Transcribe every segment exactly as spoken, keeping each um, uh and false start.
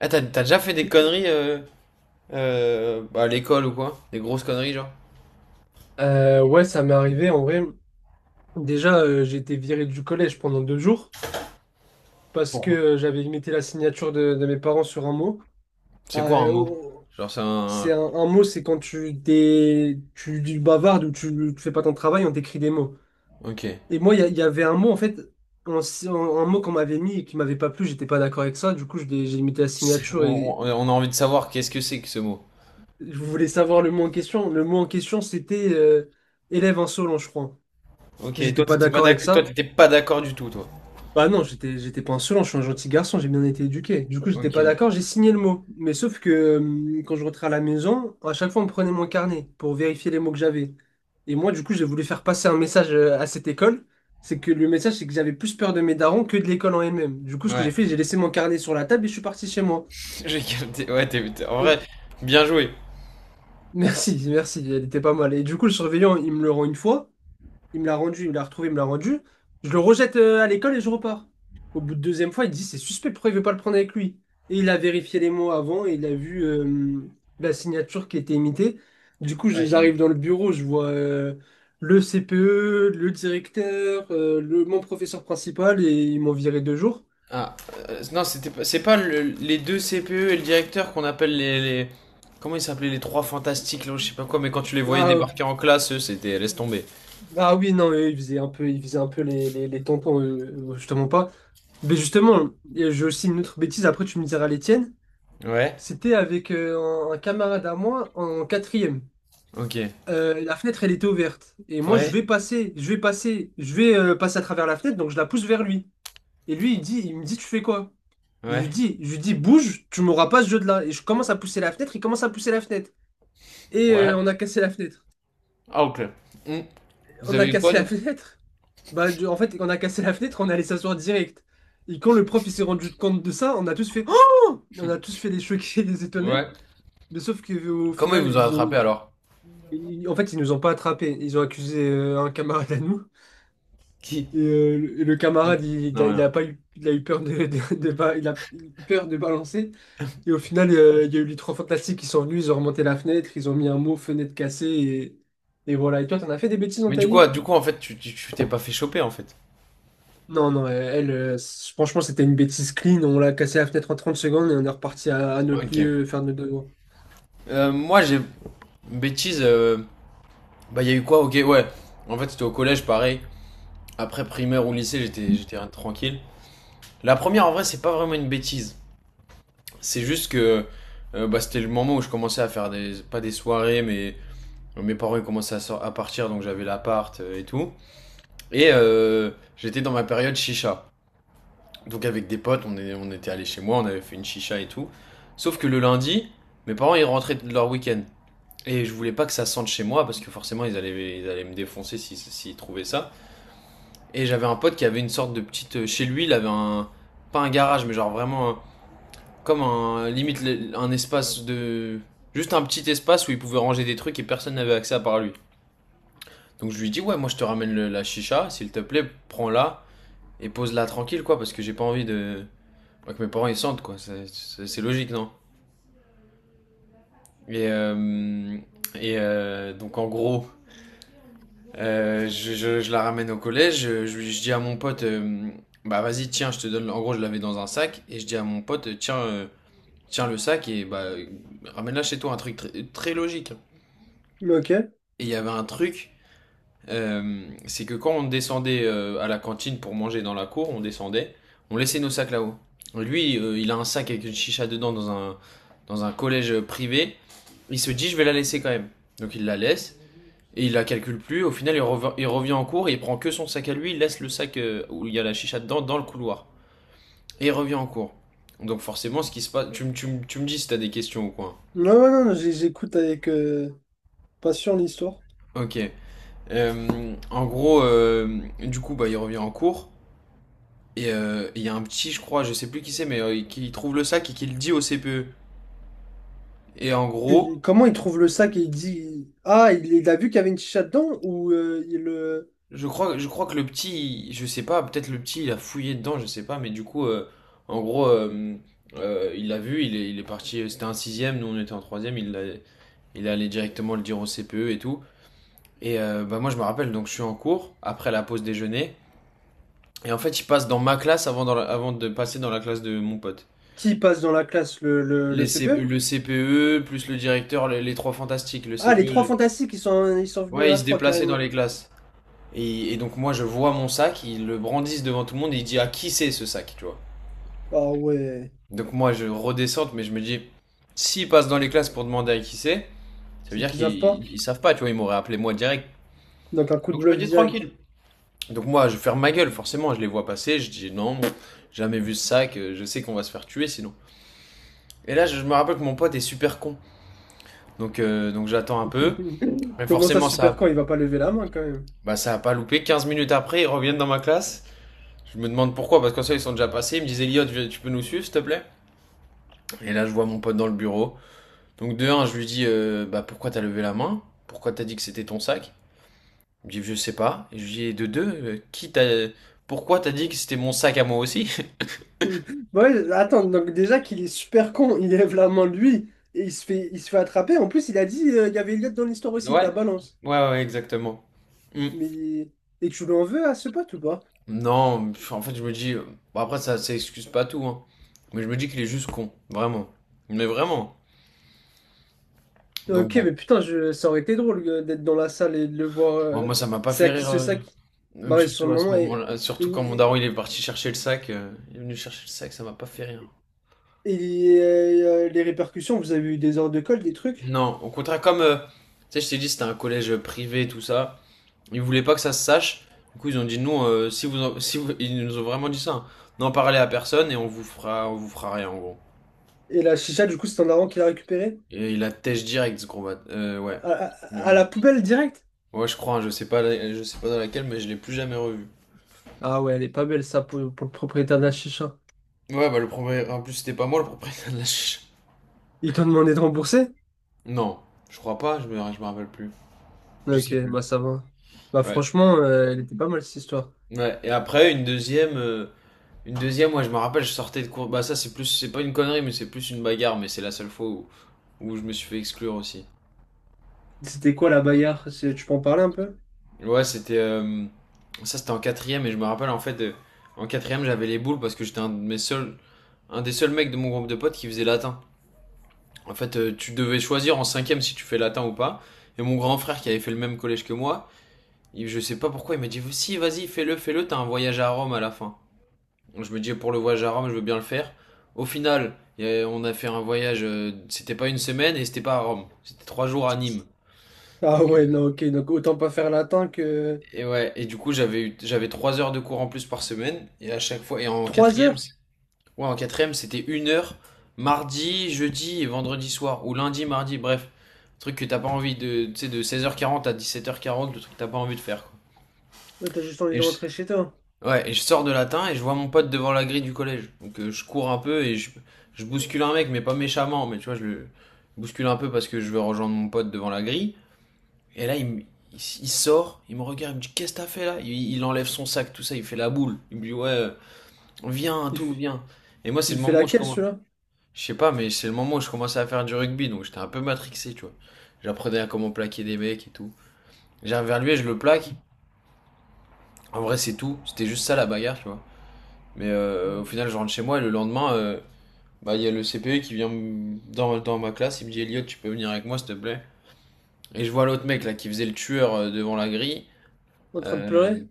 Ah, t'as t'as déjà fait des conneries euh, euh, bah, à l'école ou quoi? Des grosses conneries, genre? Euh, ouais, ça m'est arrivé. En vrai, déjà, euh, j'ai été viré du collège pendant deux jours parce que Pour- euh, j'avais imité la signature de, de mes parents sur un mot. C'est quoi un Euh, mot? Oh, Genre, c'est c'est un. un, un mot, c'est quand tu, t'es, tu, tu bavardes ou tu, tu fais pas ton travail, on t'écrit des mots. Ok. Et moi, il y, a- il y avait un mot, en fait, un, si- un- un mot qu'on m'avait mis et qui m'avait pas plu, j'étais pas d'accord avec ça. Du coup, je l'ai- j'ai imité la signature et On, on- on a envie de savoir qu'est-ce que c'est que ce mot. je voulais savoir le mot en question. Le mot en question, c'était euh, élève insolent, je crois. Ok, J'étais toi, pas t'étais pas d'accord avec d'accord, toi, ça. t'étais pas d'accord du tout, toi. Bah non, j'étais j'étais pas insolent, je suis un gentil garçon, j'ai bien été éduqué. Du coup, j'étais Ok. pas d'accord, j'ai signé le mot. Mais sauf que hum, quand je rentrais à la maison, à chaque fois on me prenait mon carnet pour vérifier les mots que j'avais. Et moi, du coup, j'ai voulu faire passer un message euh, à cette école, c'est que le message c'est que j'avais plus peur de mes darons que de l'école en elle-même. Du coup, ce que j'ai Ouais. fait, j'ai laissé mon carnet sur la table et je suis parti chez moi. J'ai capté. Ouais, t'es, t'es- en vrai, Euh, bien joué. Merci, merci, elle était pas mal. Et du coup, le surveillant, il me le rend une fois. Il me l'a rendu, il me l'a retrouvé, il me l'a rendu. Je le rejette euh, à l'école et je repars. Au bout de deuxième fois, il dit, c'est suspect, pourquoi il veut pas le prendre avec lui? Et il a vérifié les mots avant et il a vu euh, la signature qui était imitée. Du coup, je- Aïe, aïe. j'arrive dans le bureau, je vois euh, le C P E, le directeur, euh, le, mon professeur principal et ils m'ont viré deux jours. Ah, euh, non, c'était pas, c'est pas le- les deux C P E et le directeur qu'on appelle les, les- Comment ils s'appelaient les trois fantastiques, là, je sais pas quoi, mais quand tu les voyais Ah, débarquer en classe, eux, c'était laisse tomber. ah oui, non, eux, ils faisaient un peu, ils faisaient un peu les, les, les tampons, euh, euh, je te mens pas. Mais justement, et j'ai aussi une autre bêtise, après tu me diras les tiennes. Ouais. C'était avec euh, un, un camarade à moi en quatrième. Ok. Euh, la fenêtre, elle était ouverte. Et moi, je Ouais. vais passer, je vais passer, je vais euh, passer à travers la fenêtre, donc je la pousse vers lui. Et lui, il dit, il me dit, tu fais quoi? Je lui Ouais. dis, je lui dis, bouge, tu m'auras pas ce jeu de là. Et je commence à pousser la fenêtre, il commence à pousser la fenêtre. Et Ouais. euh, on a cassé la fenêtre. Ah, ok. Hmm. Vous On a avez eu quoi, cassé du la coup? fenêtre. Bah, du- en fait, on a cassé la fenêtre, on est allé s'asseoir direct. Et quand le prof il s'est rendu compte de ça, on a tous fait Oh! On a tous fait des choqués, des Ouais. étonnés. Mais sauf qu'au Comment ils final, vous ont ils attrapé ont. alors? Ils- En fait, ils nous ont pas attrapés. Ils ont accusé euh, un camarade à nous. Qui? Et euh, le le Ok. camarade, il, Non, il a, il rien. a pas eu, il a eu peur de, de- de ba- il a eu peur de balancer. Et au final, euh, il y a eu les trois fantastiques qui sont venus, ils ont remonté la fenêtre, ils ont mis un mot fenêtre cassée. Et, et voilà. Et toi, t'en as fait des bêtises dans Mais du ta coup, vie? ah, du coup, en fait, tu tu- tu t'es pas fait choper en fait. Non, non, euh, elle, euh, c- franchement, c'était une bêtise clean. On l'a cassé la fenêtre en trente secondes et on est reparti à, à notre Ok. lieu faire nos devoirs. Euh, moi, j'ai une bêtise. euh, Bah, il y a eu quoi? Ok, ouais. En fait, c'était au collège, pareil. Après primaire ou lycée, j'étais j'étais tranquille. La première, en vrai, c'est pas vraiment une bêtise. C'est juste que euh, bah, c'était le moment où je commençais à faire des pas des soirées, mais euh, mes parents ils commençaient à, sor- à partir, donc j'avais l'appart euh, et tout. Et euh, j'étais dans ma période chicha. Donc avec des potes, on, est- on était allés chez moi, on avait fait une chicha et tout. Sauf que le lundi, mes parents ils rentraient de leur week-end. Et je voulais pas que ça sente chez moi parce que forcément ils allaient, ils allaient me défoncer si si, s'ils trouvaient ça. Et j'avais un pote qui avait une sorte de petite. euh, Chez lui, il avait un. Pas un garage, mais genre vraiment un- comme un. Limite le- un espace de. Juste un petit espace où il pouvait ranger des trucs et personne n'avait accès à part lui. Donc je lui dis, ouais, moi je te ramène le- la chicha, s'il te plaît, prends-la. Et pose-la tranquille, quoi, parce que j'ai pas envie de. Que mes parents ils sentent, quoi. C'est- logique, non? Et, euh, et euh, donc, en gros, euh, je, je- je la ramène au collège. Je, je dis à mon pote, euh, bah, vas-y, tiens, je te donne. En gros, je l'avais dans un sac, et je dis à mon pote, tiens, euh, tiens le sac, et bah, ramène-la chez toi, un truc tr- très logique. Ok. Et il y avait un truc euh, c'est que quand on descendait euh, à la cantine pour manger dans la cour, on descendait, on laissait nos sacs là-haut. Lui, euh, il a un sac avec une chicha dedans, dans un, dans un collège privé. Il se dit, je vais la laisser quand même. Donc il la laisse et il la calcule plus. Au final, il, rev- il revient en cours et il prend que son sac à lui. Il laisse le sac euh, où il y a la chicha dedans dans le couloir. Et il revient en cours. Donc forcément, ce qui se passe. Tu, me- tu, me- tu me dis si t'as des questions ou quoi. Non, ouais, non, non, j'ai- j'écoute avec euh, passion l'histoire. Ok. Euh, en gros, euh, du coup, bah, il revient en cours. Et euh, il y a un petit, je crois, je sais plus qui c'est, mais euh, qui trouve le sac et qui le dit au C P E. Et en gros, que- Comment il trouve le sac et il dit, ah, il, il a vu qu'il y avait une chicha dedans ou euh, il, euh, je crois, je crois que le petit, il- je sais pas, peut-être le petit, il a fouillé dedans, je sais pas, mais du coup, euh, en gros, euh, euh, il l'a vu, il est, il est parti, euh, c'était un sixième, nous on était en troisième, il l'a- il est allé directement le dire au C P E et tout. Et euh, bah moi je me rappelle, donc je suis en cours, après la pause déjeuner, et en fait il passe dans ma classe avant, dans la- avant de passer dans la classe de mon pote. qui passe dans la classe le, le, le Les C- C P E? Le C P E, plus le directeur, les, les trois fantastiques, le Ah, C P E, les trois le- fantastiques, ils sont, ils sont venus Ouais, il à se trois déplaçait dans carrément. les classes. Et, et donc moi, je vois mon sac, ils le brandissent devant tout le monde et il dit, à qui c'est ce sac, tu vois. Ah ouais, Donc moi, je redescends, mais je me dis, s'ils passent dans les classes pour demander à qui c'est, ça veut c'est dire qu'ils savent qu'ils pas. ils- savent pas, tu vois, ils m'auraient appelé moi direct. Donc un coup de Donc je me bluff dis tranquille. direct. Donc moi, je ferme ma gueule, forcément, je les vois passer, je dis non, pff, jamais vu ce sac, euh, je sais qu'on va se faire tuer sinon. Et là, je je me rappelle que mon pote est super con. Donc, euh, donc j'attends un peu. Mais Comment ça, forcément, super ça, con, il va pas lever la main quand même. bah, ça a pas loupé. Quinze minutes après, ils reviennent dans ma classe. Je me demande pourquoi, parce qu'en ça, ils sont déjà passés. Ils me disent, Elliot, tu peux nous suivre, s'il te plaît. Et là, je vois mon pote dans le bureau. Donc, de un, je lui dis, euh, bah, pourquoi t'as levé la main? Pourquoi t'as dit que c'était ton sac? Il me dit, je sais pas. Et je lui dis, de deux, euh, qui t'a. Pourquoi t'as dit que c'était mon sac à moi aussi? Ouais, attends, donc déjà qu'il est super con, il lève la main lui et il se fait, il se fait attraper. En plus, il a dit euh, il y avait Elliot dans l'histoire aussi, Ouais, ta balance. ouais, ouais, exactement. Hmm. Mais et tu l'en veux à ce pote ou pas? Non, pff, en fait, je me dis. Euh, bon, après, ça, ça excuse pas tout, hein. Mais je me dis qu'il est juste con, vraiment. Mais vraiment. Donc, Ok, bon. mais putain, je... ça aurait été drôle euh, d'être dans la salle et de le voir. Bon, euh, moi, ça m'a pas C'est fait à qui rire, ce euh, sac? Bah même ouais, sur surtout le à ce moment. Et, moment-là, surtout quand mon et, daron il est parti chercher le sac, euh, il est venu chercher le sac, ça m'a pas fait rire. et, euh, euh, les répercussions, vous avez eu des heures de colle, des trucs? Non, au contraire, comme euh, tu sais, je t'ai dit, c'était un collège privé, tout ça, ils voulaient pas que ça se sache. Du coup, ils ont dit non, euh, si vous, en- si vous- ils nous ont vraiment dit ça, hein. N'en parlez à personne et on vous fera, on vous fera rien en gros. Et la chicha, du coup, c'est un avant qui l'a récupérée? Et il a têche direct ce gros bat. Euh, ouais, À, à- à ouais, la poubelle direct? ouais, je crois, hein, je sais pas, la- je sais pas dans laquelle, mais je l'ai plus jamais revu. Ah ouais, elle est pas belle, ça, pour, pour le propriétaire de la chicha. Ouais, bah le premier, en plus c'était pas moi le propriétaire de la ch- Ils t'ont demandé de rembourser? Non, je crois pas, je me, je me rappelle plus. Je Ok, sais plus. bah ça va. Bah Ouais. franchement, euh, elle était pas mal cette histoire. Ouais. Et après, une deuxième, euh, une deuxième, moi je me rappelle, je sortais de cours. Bah, ça, c'est plus, c'est pas une connerie, mais c'est plus une bagarre, mais c'est la seule fois où, où je me suis fait exclure aussi. C'était quoi la bagarre? C'est- Tu peux en parler un peu? Ouais, c'était. Euh, ça, c'était en quatrième, et je me rappelle, en fait, euh, en quatrième, j'avais les boules parce que j'étais un de mes seuls. Un des seuls mecs de mon groupe de potes qui faisait latin. En fait, euh, tu devais choisir en cinquième si tu fais latin ou pas. Et mon grand frère qui avait fait le même collège que moi, Il- je sais pas pourquoi, il m'a dit si, vas-y, fais-le, fais-le, t'as un voyage à Rome à la fin. Je me dis pour le voyage à Rome, je veux bien le faire. Au final, on a fait un voyage, euh, c'était pas une semaine et c'était pas à Rome, c'était trois jours à Nîmes. Ah Ok. ouais, non, ok, donc autant pas faire latin que... Et ouais, et du coup, j'avais eu, j'avais trois heures de cours en plus par semaine, et à chaque fois, et en Trois quatrième, heures? c- ouais, en quatrième, c'était une heure, mardi, jeudi et vendredi soir, ou lundi, mardi, bref. Un truc que t'as pas envie de, tu sais, de seize heures quarante à dix-sept heures quarante, le truc que t'as pas envie de faire, quoi. Bah, t'as juste envie Et de je rentrer chez toi. Ouais, et je sors de latin et je vois mon pote devant la grille du collège. Donc euh, je cours un peu et je, je bouscule un mec, mais pas méchamment, mais tu vois, je le bouscule un peu parce que je veux rejoindre mon pote devant la grille. Et là, il, me- il, s- il sort, il me regarde, il me dit, qu'est-ce que t'as fait là? Il, il enlève son sac, tout ça, il fait la boule. Il me dit, ouais, euh, viens, Il, tout, f- viens. Et moi, c'est le il fait moment où je laquelle, commence. celui-là? Je sais pas, mais c'est le moment où je commençais à faire du rugby, donc j'étais un peu matrixé, tu vois. J'apprenais à comment plaquer des mecs et tout. J'arrive vers lui et je le plaque. En vrai, c'est tout. C'était juste ça la bagarre, tu vois. Mais euh, au final, je rentre chez moi et le lendemain, euh, bah, il y a le C P E qui vient m- dans, dans ma classe. Il me dit, Elliot, tu peux venir avec moi, s'il te plaît. Et je vois l'autre mec là qui faisait le tueur euh, devant la grille, En train de euh, pleurer?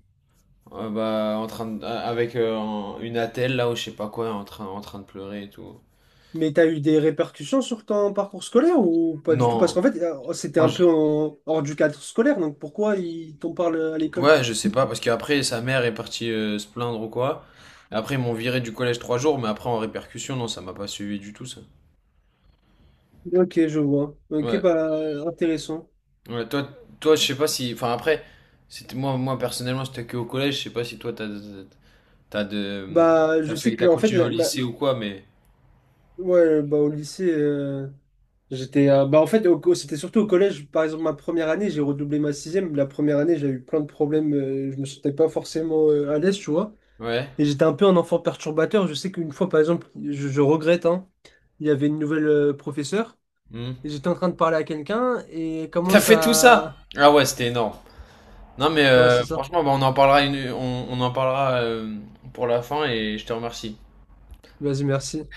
euh, bah, en train de- euh, avec euh, un- une attelle là ou je sais pas quoi, en train, en train de pleurer et tout. Mais t'as eu des répercussions sur ton parcours scolaire ou pas du tout? Non, Parce qu'en fait, euh, c'était enfin, un je- peu en- hors du cadre scolaire, donc pourquoi il t'en parle à l'école? ouais, je sais pas parce qu'après sa mère est partie euh, se plaindre ou quoi. Après, ils m'ont viré du collège trois jours, mais après en répercussion, non, ça m'a pas suivi du tout ça. Ok, je vois. Ok, Ouais. bah, intéressant. Ouais, toi, toi, je sais pas si. Enfin, après, c'était moi, moi personnellement, j'étais que au collège. Je sais pas si toi, t'as, t'as de, Bah, t'as je sais fait, que, t'as en fait, continué au la, la- lycée ou quoi, mais ouais, bah, au lycée, euh, j'étais. Euh, bah, en fait, au c'était surtout au collège. Par exemple, ma première année, j'ai redoublé ma sixième. La première année, j'ai eu plein de problèmes. Euh, je me sentais pas forcément euh, à l'aise, tu vois. ouais. Et j'étais un peu un enfant perturbateur. Je sais qu'une fois, par exemple, je, je regrette, hein, il y avait une nouvelle euh, professeure. Hmm. Et j'étais en train de parler à quelqu'un et elle T'as commence fait tout ça? à... Ah ouais, c'était énorme. Non, mais Ouais, c'est euh, ça. franchement, bah, on en parlera une, on, on en parlera euh, pour la fin et je te remercie. Vas-y, merci.